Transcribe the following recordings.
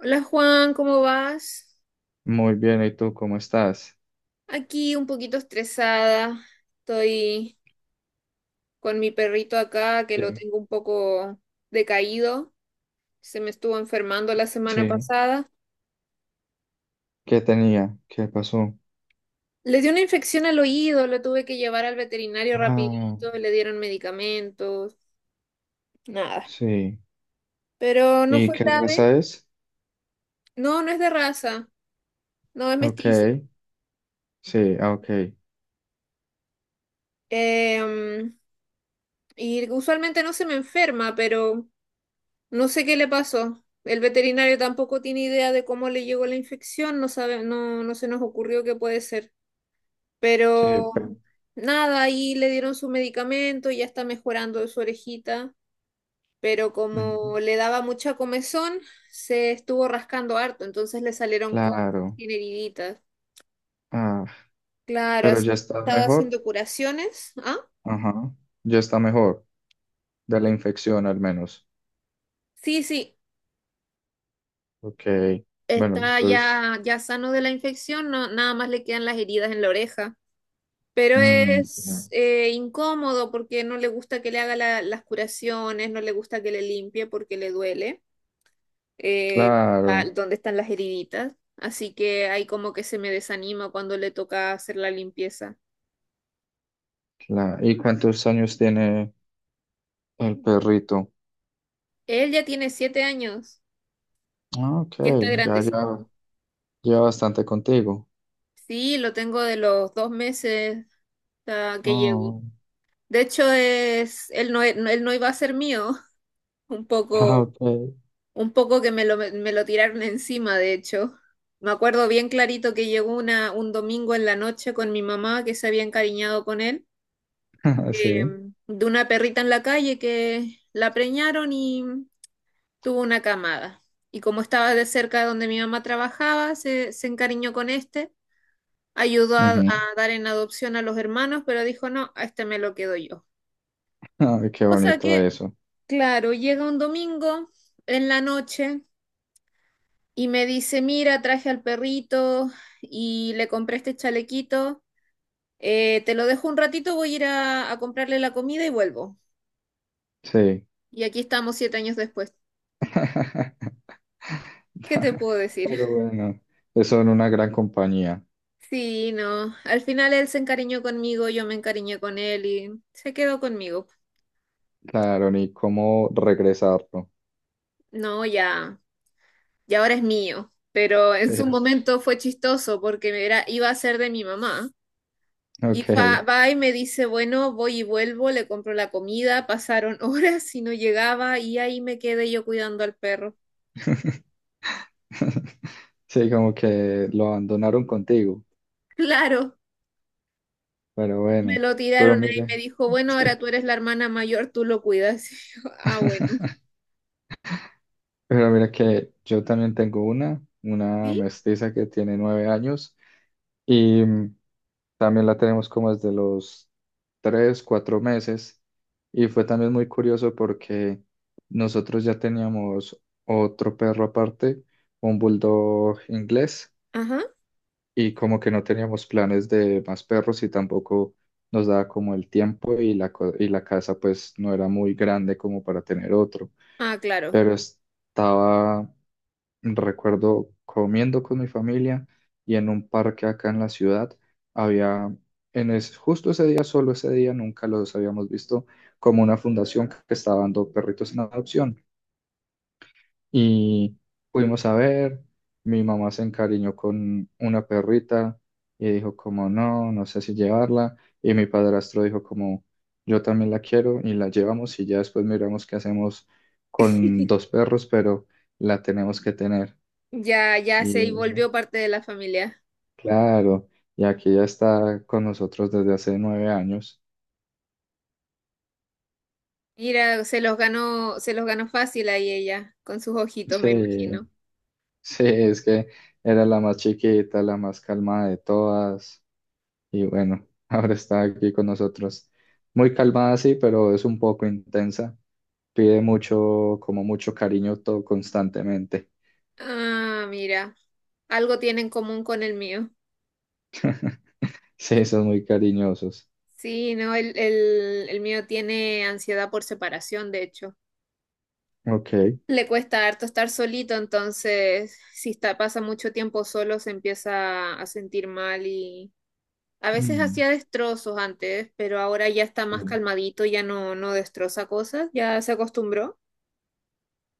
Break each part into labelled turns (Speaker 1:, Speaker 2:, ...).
Speaker 1: Hola Juan, ¿cómo vas?
Speaker 2: Muy bien, ¿y tú cómo estás?
Speaker 1: Aquí un poquito estresada. Estoy con mi perrito acá que lo
Speaker 2: ¿Qué?
Speaker 1: tengo un poco decaído. Se me estuvo enfermando la semana
Speaker 2: Sí,
Speaker 1: pasada.
Speaker 2: ¿qué tenía? ¿Qué pasó?
Speaker 1: Le dio una infección al oído, lo tuve que llevar al veterinario
Speaker 2: Ah,
Speaker 1: rapidito, le dieron medicamentos, nada.
Speaker 2: sí.
Speaker 1: Pero no
Speaker 2: ¿Y
Speaker 1: fue
Speaker 2: qué
Speaker 1: grave.
Speaker 2: raza es?
Speaker 1: No, no es de raza, no es
Speaker 2: Ok,
Speaker 1: mestizo.
Speaker 2: sí, ah, ok,
Speaker 1: Em, y usualmente no se me enferma, pero no sé qué le pasó. El veterinario tampoco tiene idea de cómo le llegó la infección, no sabe, no, no se nos ocurrió qué puede ser.
Speaker 2: sí,
Speaker 1: Pero
Speaker 2: pe-
Speaker 1: nada, ahí le dieron su medicamento, ya está mejorando de su orejita, pero
Speaker 2: ujú,
Speaker 1: como le daba mucha comezón, se estuvo rascando harto, entonces le salieron cosas,
Speaker 2: claro.
Speaker 1: tiene heriditas.
Speaker 2: Ah,
Speaker 1: Claro,
Speaker 2: pero
Speaker 1: así
Speaker 2: ya
Speaker 1: que
Speaker 2: está
Speaker 1: estaba
Speaker 2: mejor.
Speaker 1: haciendo curaciones. ¿Ah?
Speaker 2: Ajá, ya está mejor, de la infección al menos.
Speaker 1: Sí, sí,
Speaker 2: Ok, bueno,
Speaker 1: está
Speaker 2: eso es.
Speaker 1: ya, ya sano de la infección, no, nada más le quedan las heridas en la oreja. Pero
Speaker 2: Mm,
Speaker 1: es incómodo porque no le gusta que le haga las curaciones, no le gusta que le limpie porque le duele eh,
Speaker 2: claro,
Speaker 1: donde están las heriditas. Así que ahí como que se me desanima cuando le toca hacer la limpieza.
Speaker 2: claro. ¿Y cuántos años tiene el perrito?
Speaker 1: Él ya tiene 7 años,
Speaker 2: Ah, ok,
Speaker 1: ya está
Speaker 2: ya, ya,
Speaker 1: grandecito.
Speaker 2: lleva bastante contigo.
Speaker 1: Sí, lo tengo de los 2 meses que llevo.
Speaker 2: Ah,
Speaker 1: De hecho, es, él no, e- no- él no iba a ser mío, un
Speaker 2: ah,
Speaker 1: poco
Speaker 2: ok.
Speaker 1: Un poco que me lo tiraron encima, de hecho. Me acuerdo bien clarito que llegó un domingo en la noche con mi mamá que se había encariñado con él, eh,
Speaker 2: Sí.
Speaker 1: de una perrita en la calle que la preñaron y tuvo una camada. Y como estaba de cerca de donde mi mamá trabajaba, se encariñó con este, ayudó a
Speaker 2: Ujú.
Speaker 1: dar en adopción a los hermanos, pero dijo, no, a este me lo quedo yo.
Speaker 2: Ay, qué
Speaker 1: Cosa
Speaker 2: bonito
Speaker 1: que,
Speaker 2: eso.
Speaker 1: claro, llega un domingo en la noche. Y me dice, mira, traje al perrito y le compré este chalequito. Te lo dejo un ratito, voy a ir a comprarle la comida y vuelvo.
Speaker 2: Sí.
Speaker 1: Y aquí estamos 7 años después. ¿Qué te puedo decir?
Speaker 2: Pero bueno, eso en una gran compañía.
Speaker 1: Sí, no. Al final él se encariñó conmigo, yo me encariñé con él y se quedó conmigo.
Speaker 2: Claro, ni cómo regresarlo.
Speaker 1: No, ya, ya ahora es mío. Pero
Speaker 2: Sí,
Speaker 1: en su momento fue chistoso porque era, iba a ser de mi mamá. Y
Speaker 2: ok.
Speaker 1: va y me dice, bueno, voy y vuelvo, le compro la comida, pasaron horas y no llegaba y ahí me quedé yo cuidando al perro.
Speaker 2: Sí, como que lo abandonaron contigo.
Speaker 1: Claro,
Speaker 2: Pero
Speaker 1: me
Speaker 2: bueno,
Speaker 1: lo
Speaker 2: pero
Speaker 1: tiraron ahí, me
Speaker 2: mire.
Speaker 1: dijo, bueno, ahora
Speaker 2: Sí.
Speaker 1: tú eres la hermana mayor, tú lo cuidas. Y yo, ah, bueno.
Speaker 2: Pero mira que yo también tengo una
Speaker 1: ¿Sí?
Speaker 2: mestiza que tiene 9 años. Y también la tenemos como desde los 3, 4 meses. Y fue también muy curioso porque nosotros ya teníamos otro perro aparte, un bulldog inglés,
Speaker 1: Ajá.
Speaker 2: y como que no teníamos planes de más perros y tampoco nos daba como el tiempo y y la casa pues no era muy grande como para tener otro.
Speaker 1: Ah, claro.
Speaker 2: Pero estaba. Recuerdo comiendo con mi familia y en un parque acá en la ciudad había, justo ese día, solo ese día, nunca los habíamos visto, como una fundación que estaba dando perritos en adopción. Y fuimos a ver, mi mamá se encariñó con una perrita y dijo como no, no sé si llevarla. Y mi padrastro dijo como yo también la quiero y la llevamos y ya después miramos qué hacemos con dos perros, pero la tenemos que tener.
Speaker 1: Ya, ya se
Speaker 2: Y,
Speaker 1: volvió parte de la familia.
Speaker 2: claro, y aquí ya está con nosotros desde hace 9 años.
Speaker 1: Mira, se los ganó fácil ahí ella, con sus ojitos, me imagino.
Speaker 2: Sí, sí, es que era la más chiquita, la más calmada de todas, y bueno, ahora está aquí con nosotros. Muy calmada, sí, pero es un poco intensa. Pide mucho, como mucho cariño todo constantemente.
Speaker 1: Ah, mira, algo tiene en común con el mío.
Speaker 2: Sí, son muy cariñosos.
Speaker 1: Sí, no, el mío tiene ansiedad por separación, de hecho.
Speaker 2: Ok.
Speaker 1: Le cuesta harto estar solito, entonces si está, pasa mucho tiempo solo se empieza a sentir mal y a veces
Speaker 2: Mm,
Speaker 1: hacía destrozos antes, pero ahora ya está
Speaker 2: sí.
Speaker 1: más calmadito, ya no destroza cosas, ya se acostumbró.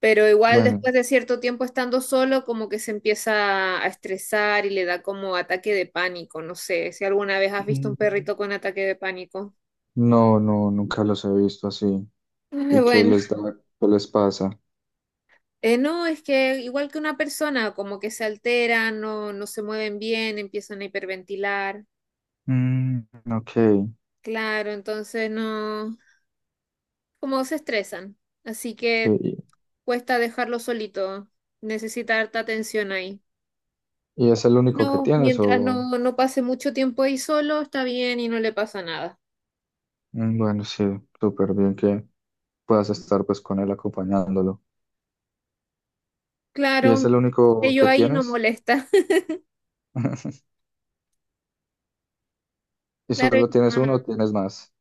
Speaker 1: Pero igual
Speaker 2: Bueno,
Speaker 1: después de cierto tiempo estando solo, como que se empieza a estresar y le da como ataque de pánico. No sé si alguna vez has visto un
Speaker 2: mm,
Speaker 1: perrito con ataque de pánico.
Speaker 2: no, no, nunca los he visto así.
Speaker 1: Ay,
Speaker 2: ¿Y qué
Speaker 1: Bueno,
Speaker 2: les da? ¿Qué les pasa?
Speaker 1: Eh, no, es que igual que una persona, como que se alteran, no se mueven bien, empiezan a hiperventilar.
Speaker 2: Mm, ok,
Speaker 1: Claro, entonces no, como se estresan. Así
Speaker 2: sí.
Speaker 1: que
Speaker 2: ¿Y
Speaker 1: cuesta dejarlo solito. Necesita harta atención ahí.
Speaker 2: es el único que
Speaker 1: No,
Speaker 2: tienes
Speaker 1: mientras
Speaker 2: o...?
Speaker 1: no pase mucho tiempo ahí solo, está bien y no le pasa nada.
Speaker 2: Mm, bueno, sí, súper bien que puedas estar pues con él acompañándolo. ¿Y es
Speaker 1: Claro,
Speaker 2: el único
Speaker 1: ello
Speaker 2: que
Speaker 1: ahí no
Speaker 2: tienes?
Speaker 1: molesta.
Speaker 2: ¿Y
Speaker 1: Claro,
Speaker 2: solo tienes uno o tienes más?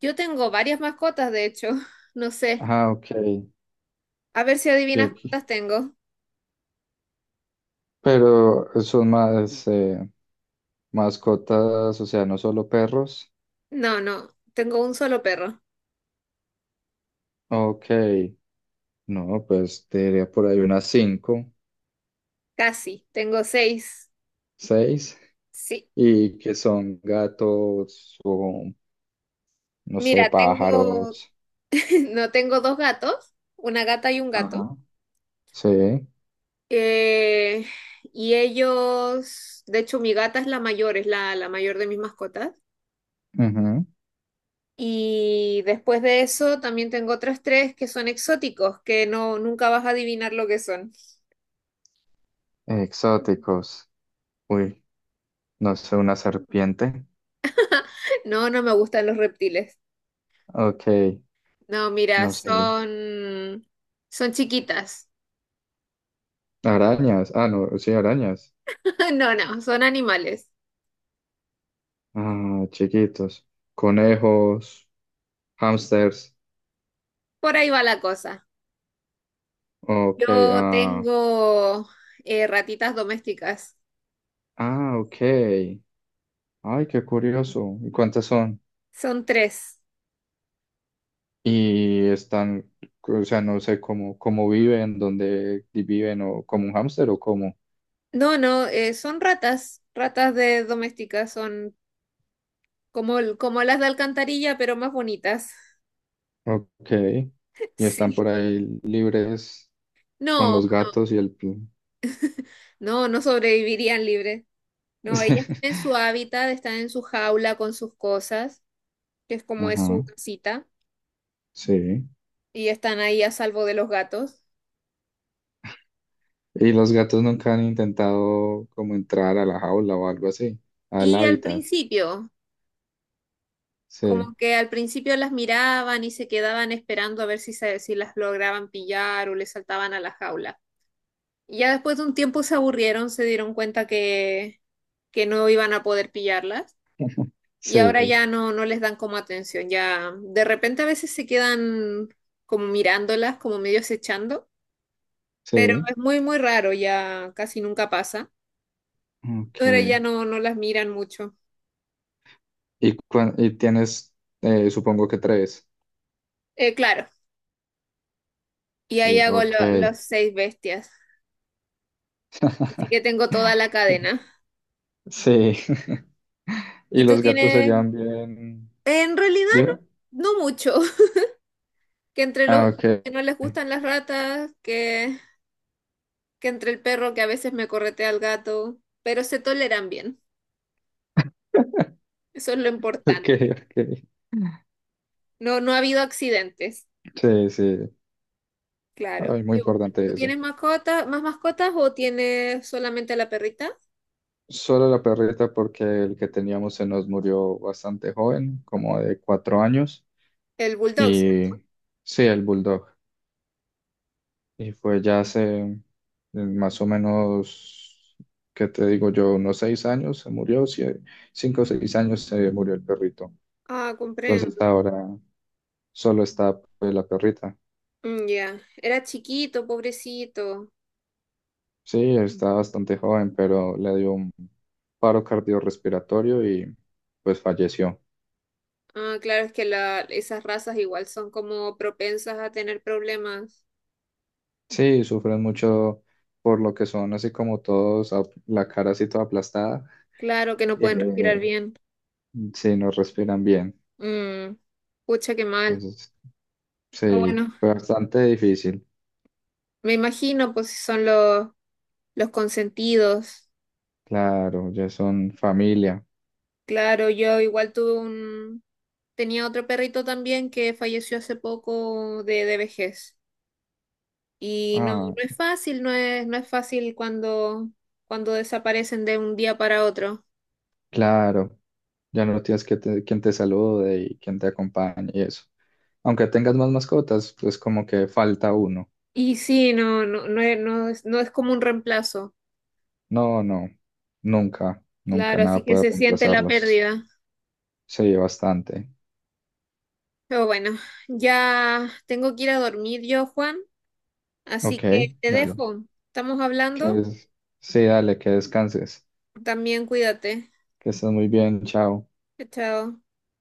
Speaker 1: yo tengo varias mascotas, de hecho. No sé.
Speaker 2: Ah, ok.
Speaker 1: A ver si
Speaker 2: Ok.
Speaker 1: adivinas
Speaker 2: Ok.
Speaker 1: cuántas tengo.
Speaker 2: Pero son más mascotas, o sea, no solo perros.
Speaker 1: No, no, tengo un solo perro.
Speaker 2: Ok. No, pues te diría por ahí unas cinco,
Speaker 1: Casi, tengo seis.
Speaker 2: seis.
Speaker 1: Sí.
Speaker 2: Y que son gatos o, no sé,
Speaker 1: Mira, tengo,
Speaker 2: pájaros.
Speaker 1: no tengo dos gatos, una gata y un gato.
Speaker 2: Ajá. Sí.
Speaker 1: Eh, y ellos, de hecho, mi gata es la mayor, es la mayor de mis mascotas.
Speaker 2: Ujú.
Speaker 1: Y después de eso, también tengo otras tres que son exóticos, que no, nunca vas a adivinar lo que son.
Speaker 2: Exóticos. Uy, no sé, una serpiente.
Speaker 1: No, no me gustan los reptiles.
Speaker 2: Ok,
Speaker 1: No, mira,
Speaker 2: no sé.
Speaker 1: son chiquitas.
Speaker 2: Arañas. Ah, no, sí, arañas.
Speaker 1: No, no, son animales.
Speaker 2: Ah, chiquitos. Conejos, hamsters,
Speaker 1: Por ahí va la cosa.
Speaker 2: ok,
Speaker 1: Yo
Speaker 2: ah.
Speaker 1: tengo ratitas domésticas.
Speaker 2: Ah, ok. Ay, qué curioso. ¿Y cuántas son?
Speaker 1: Son tres.
Speaker 2: Y están, o sea, no sé cómo, cómo viven, dónde viven, o como un hámster o cómo.
Speaker 1: No, no, son ratas. Ratas de domésticas. Son como, como las de alcantarilla, pero más bonitas.
Speaker 2: Ok. Y están
Speaker 1: Sí.
Speaker 2: por ahí libres con
Speaker 1: No,
Speaker 2: los gatos y
Speaker 1: no, no sobrevivirían libres. No, ellas tienen su hábitat, están en su jaula con sus cosas, que es como es su
Speaker 2: ajá,
Speaker 1: casita,
Speaker 2: sí.
Speaker 1: y están ahí a salvo de los gatos.
Speaker 2: Y los gatos nunca han intentado como entrar a la jaula o algo así, al
Speaker 1: Y al
Speaker 2: hábitat.
Speaker 1: principio. Como
Speaker 2: Sí,
Speaker 1: que al principio las miraban y se quedaban esperando a ver si, si las lograban pillar o les saltaban a la jaula. Y ya después de un tiempo se aburrieron, se dieron cuenta que no iban a poder pillarlas y ahora
Speaker 2: sí,
Speaker 1: ya no les dan como atención. Ya de repente a veces se quedan como mirándolas, como medio acechando, pero
Speaker 2: sí.
Speaker 1: es muy, muy raro, ya casi nunca pasa.
Speaker 2: Ok.
Speaker 1: Ahora ya no las miran mucho.
Speaker 2: Y, y tienes, supongo que tres.
Speaker 1: Claro, y ahí
Speaker 2: Sí,
Speaker 1: hago
Speaker 2: ok.
Speaker 1: los seis bestias, así que tengo toda la cadena.
Speaker 2: Sí. Y
Speaker 1: ¿Y tú
Speaker 2: los gatos se
Speaker 1: tienes?
Speaker 2: llevan bien.
Speaker 1: En realidad
Speaker 2: Dime.
Speaker 1: no, no mucho. Que entre
Speaker 2: Ah,
Speaker 1: los
Speaker 2: ok.
Speaker 1: gatos que no les gustan las ratas, que entre el perro que a veces me corretea al gato, pero se toleran bien. Eso es lo
Speaker 2: Ok,
Speaker 1: importante.
Speaker 2: ok.
Speaker 1: No, no ha habido accidentes.
Speaker 2: Sí, sí.
Speaker 1: Claro.
Speaker 2: Ay, muy
Speaker 1: Y bueno,
Speaker 2: importante
Speaker 1: ¿tú
Speaker 2: eso.
Speaker 1: tienes mascota, más mascotas o tienes solamente a la perrita?
Speaker 2: Solo la perrita porque el que teníamos se nos murió bastante joven, como de 4 años,
Speaker 1: El bulldog, ¿cierto?
Speaker 2: y sí, el bulldog. Y fue ya hace más o menos, ¿qué te digo yo? Unos 6 años se murió, 5 o 6 años se murió el perrito.
Speaker 1: Ah,
Speaker 2: Entonces
Speaker 1: comprendo.
Speaker 2: ahora solo está pues, la perrita.
Speaker 1: Mm, ya. Era chiquito, pobrecito.
Speaker 2: Sí, está bastante joven, pero le dio un paro cardiorrespiratorio y pues falleció.
Speaker 1: Ah, claro, es que esas razas igual son como propensas a tener problemas.
Speaker 2: Sí, sufren mucho por lo que son así como todos, la cara así toda aplastada,
Speaker 1: Claro que no pueden respirar
Speaker 2: eh,
Speaker 1: bien.
Speaker 2: sí, no respiran bien.
Speaker 1: Mm, pucha, qué mal.
Speaker 2: Entonces,
Speaker 1: Ah,
Speaker 2: sí,
Speaker 1: bueno,
Speaker 2: fue bastante difícil.
Speaker 1: me imagino, pues si son los, consentidos.
Speaker 2: Claro, ya son familia.
Speaker 1: Claro, yo igual tuve Tenía otro perrito también que falleció hace poco de vejez. Y no, no
Speaker 2: Ah,
Speaker 1: es fácil, no es fácil cuando desaparecen de un día para otro.
Speaker 2: claro, ya no tienes que quien te salude y quien te acompañe y eso. Aunque tengas más mascotas, pues como que falta uno.
Speaker 1: Y sí, no, no, no es como un reemplazo.
Speaker 2: No, no, nunca, nunca
Speaker 1: Claro, así
Speaker 2: nada
Speaker 1: que
Speaker 2: puede
Speaker 1: se siente la
Speaker 2: reemplazarlos.
Speaker 1: pérdida.
Speaker 2: Sí, bastante.
Speaker 1: Pero bueno, ya tengo que ir a dormir yo, Juan.
Speaker 2: Ok,
Speaker 1: Así que te
Speaker 2: dale.
Speaker 1: dejo. Estamos
Speaker 2: Que
Speaker 1: hablando.
Speaker 2: es, sí, dale, que descanses.
Speaker 1: También cuídate.
Speaker 2: Que estés muy bien, chao.
Speaker 1: Chao.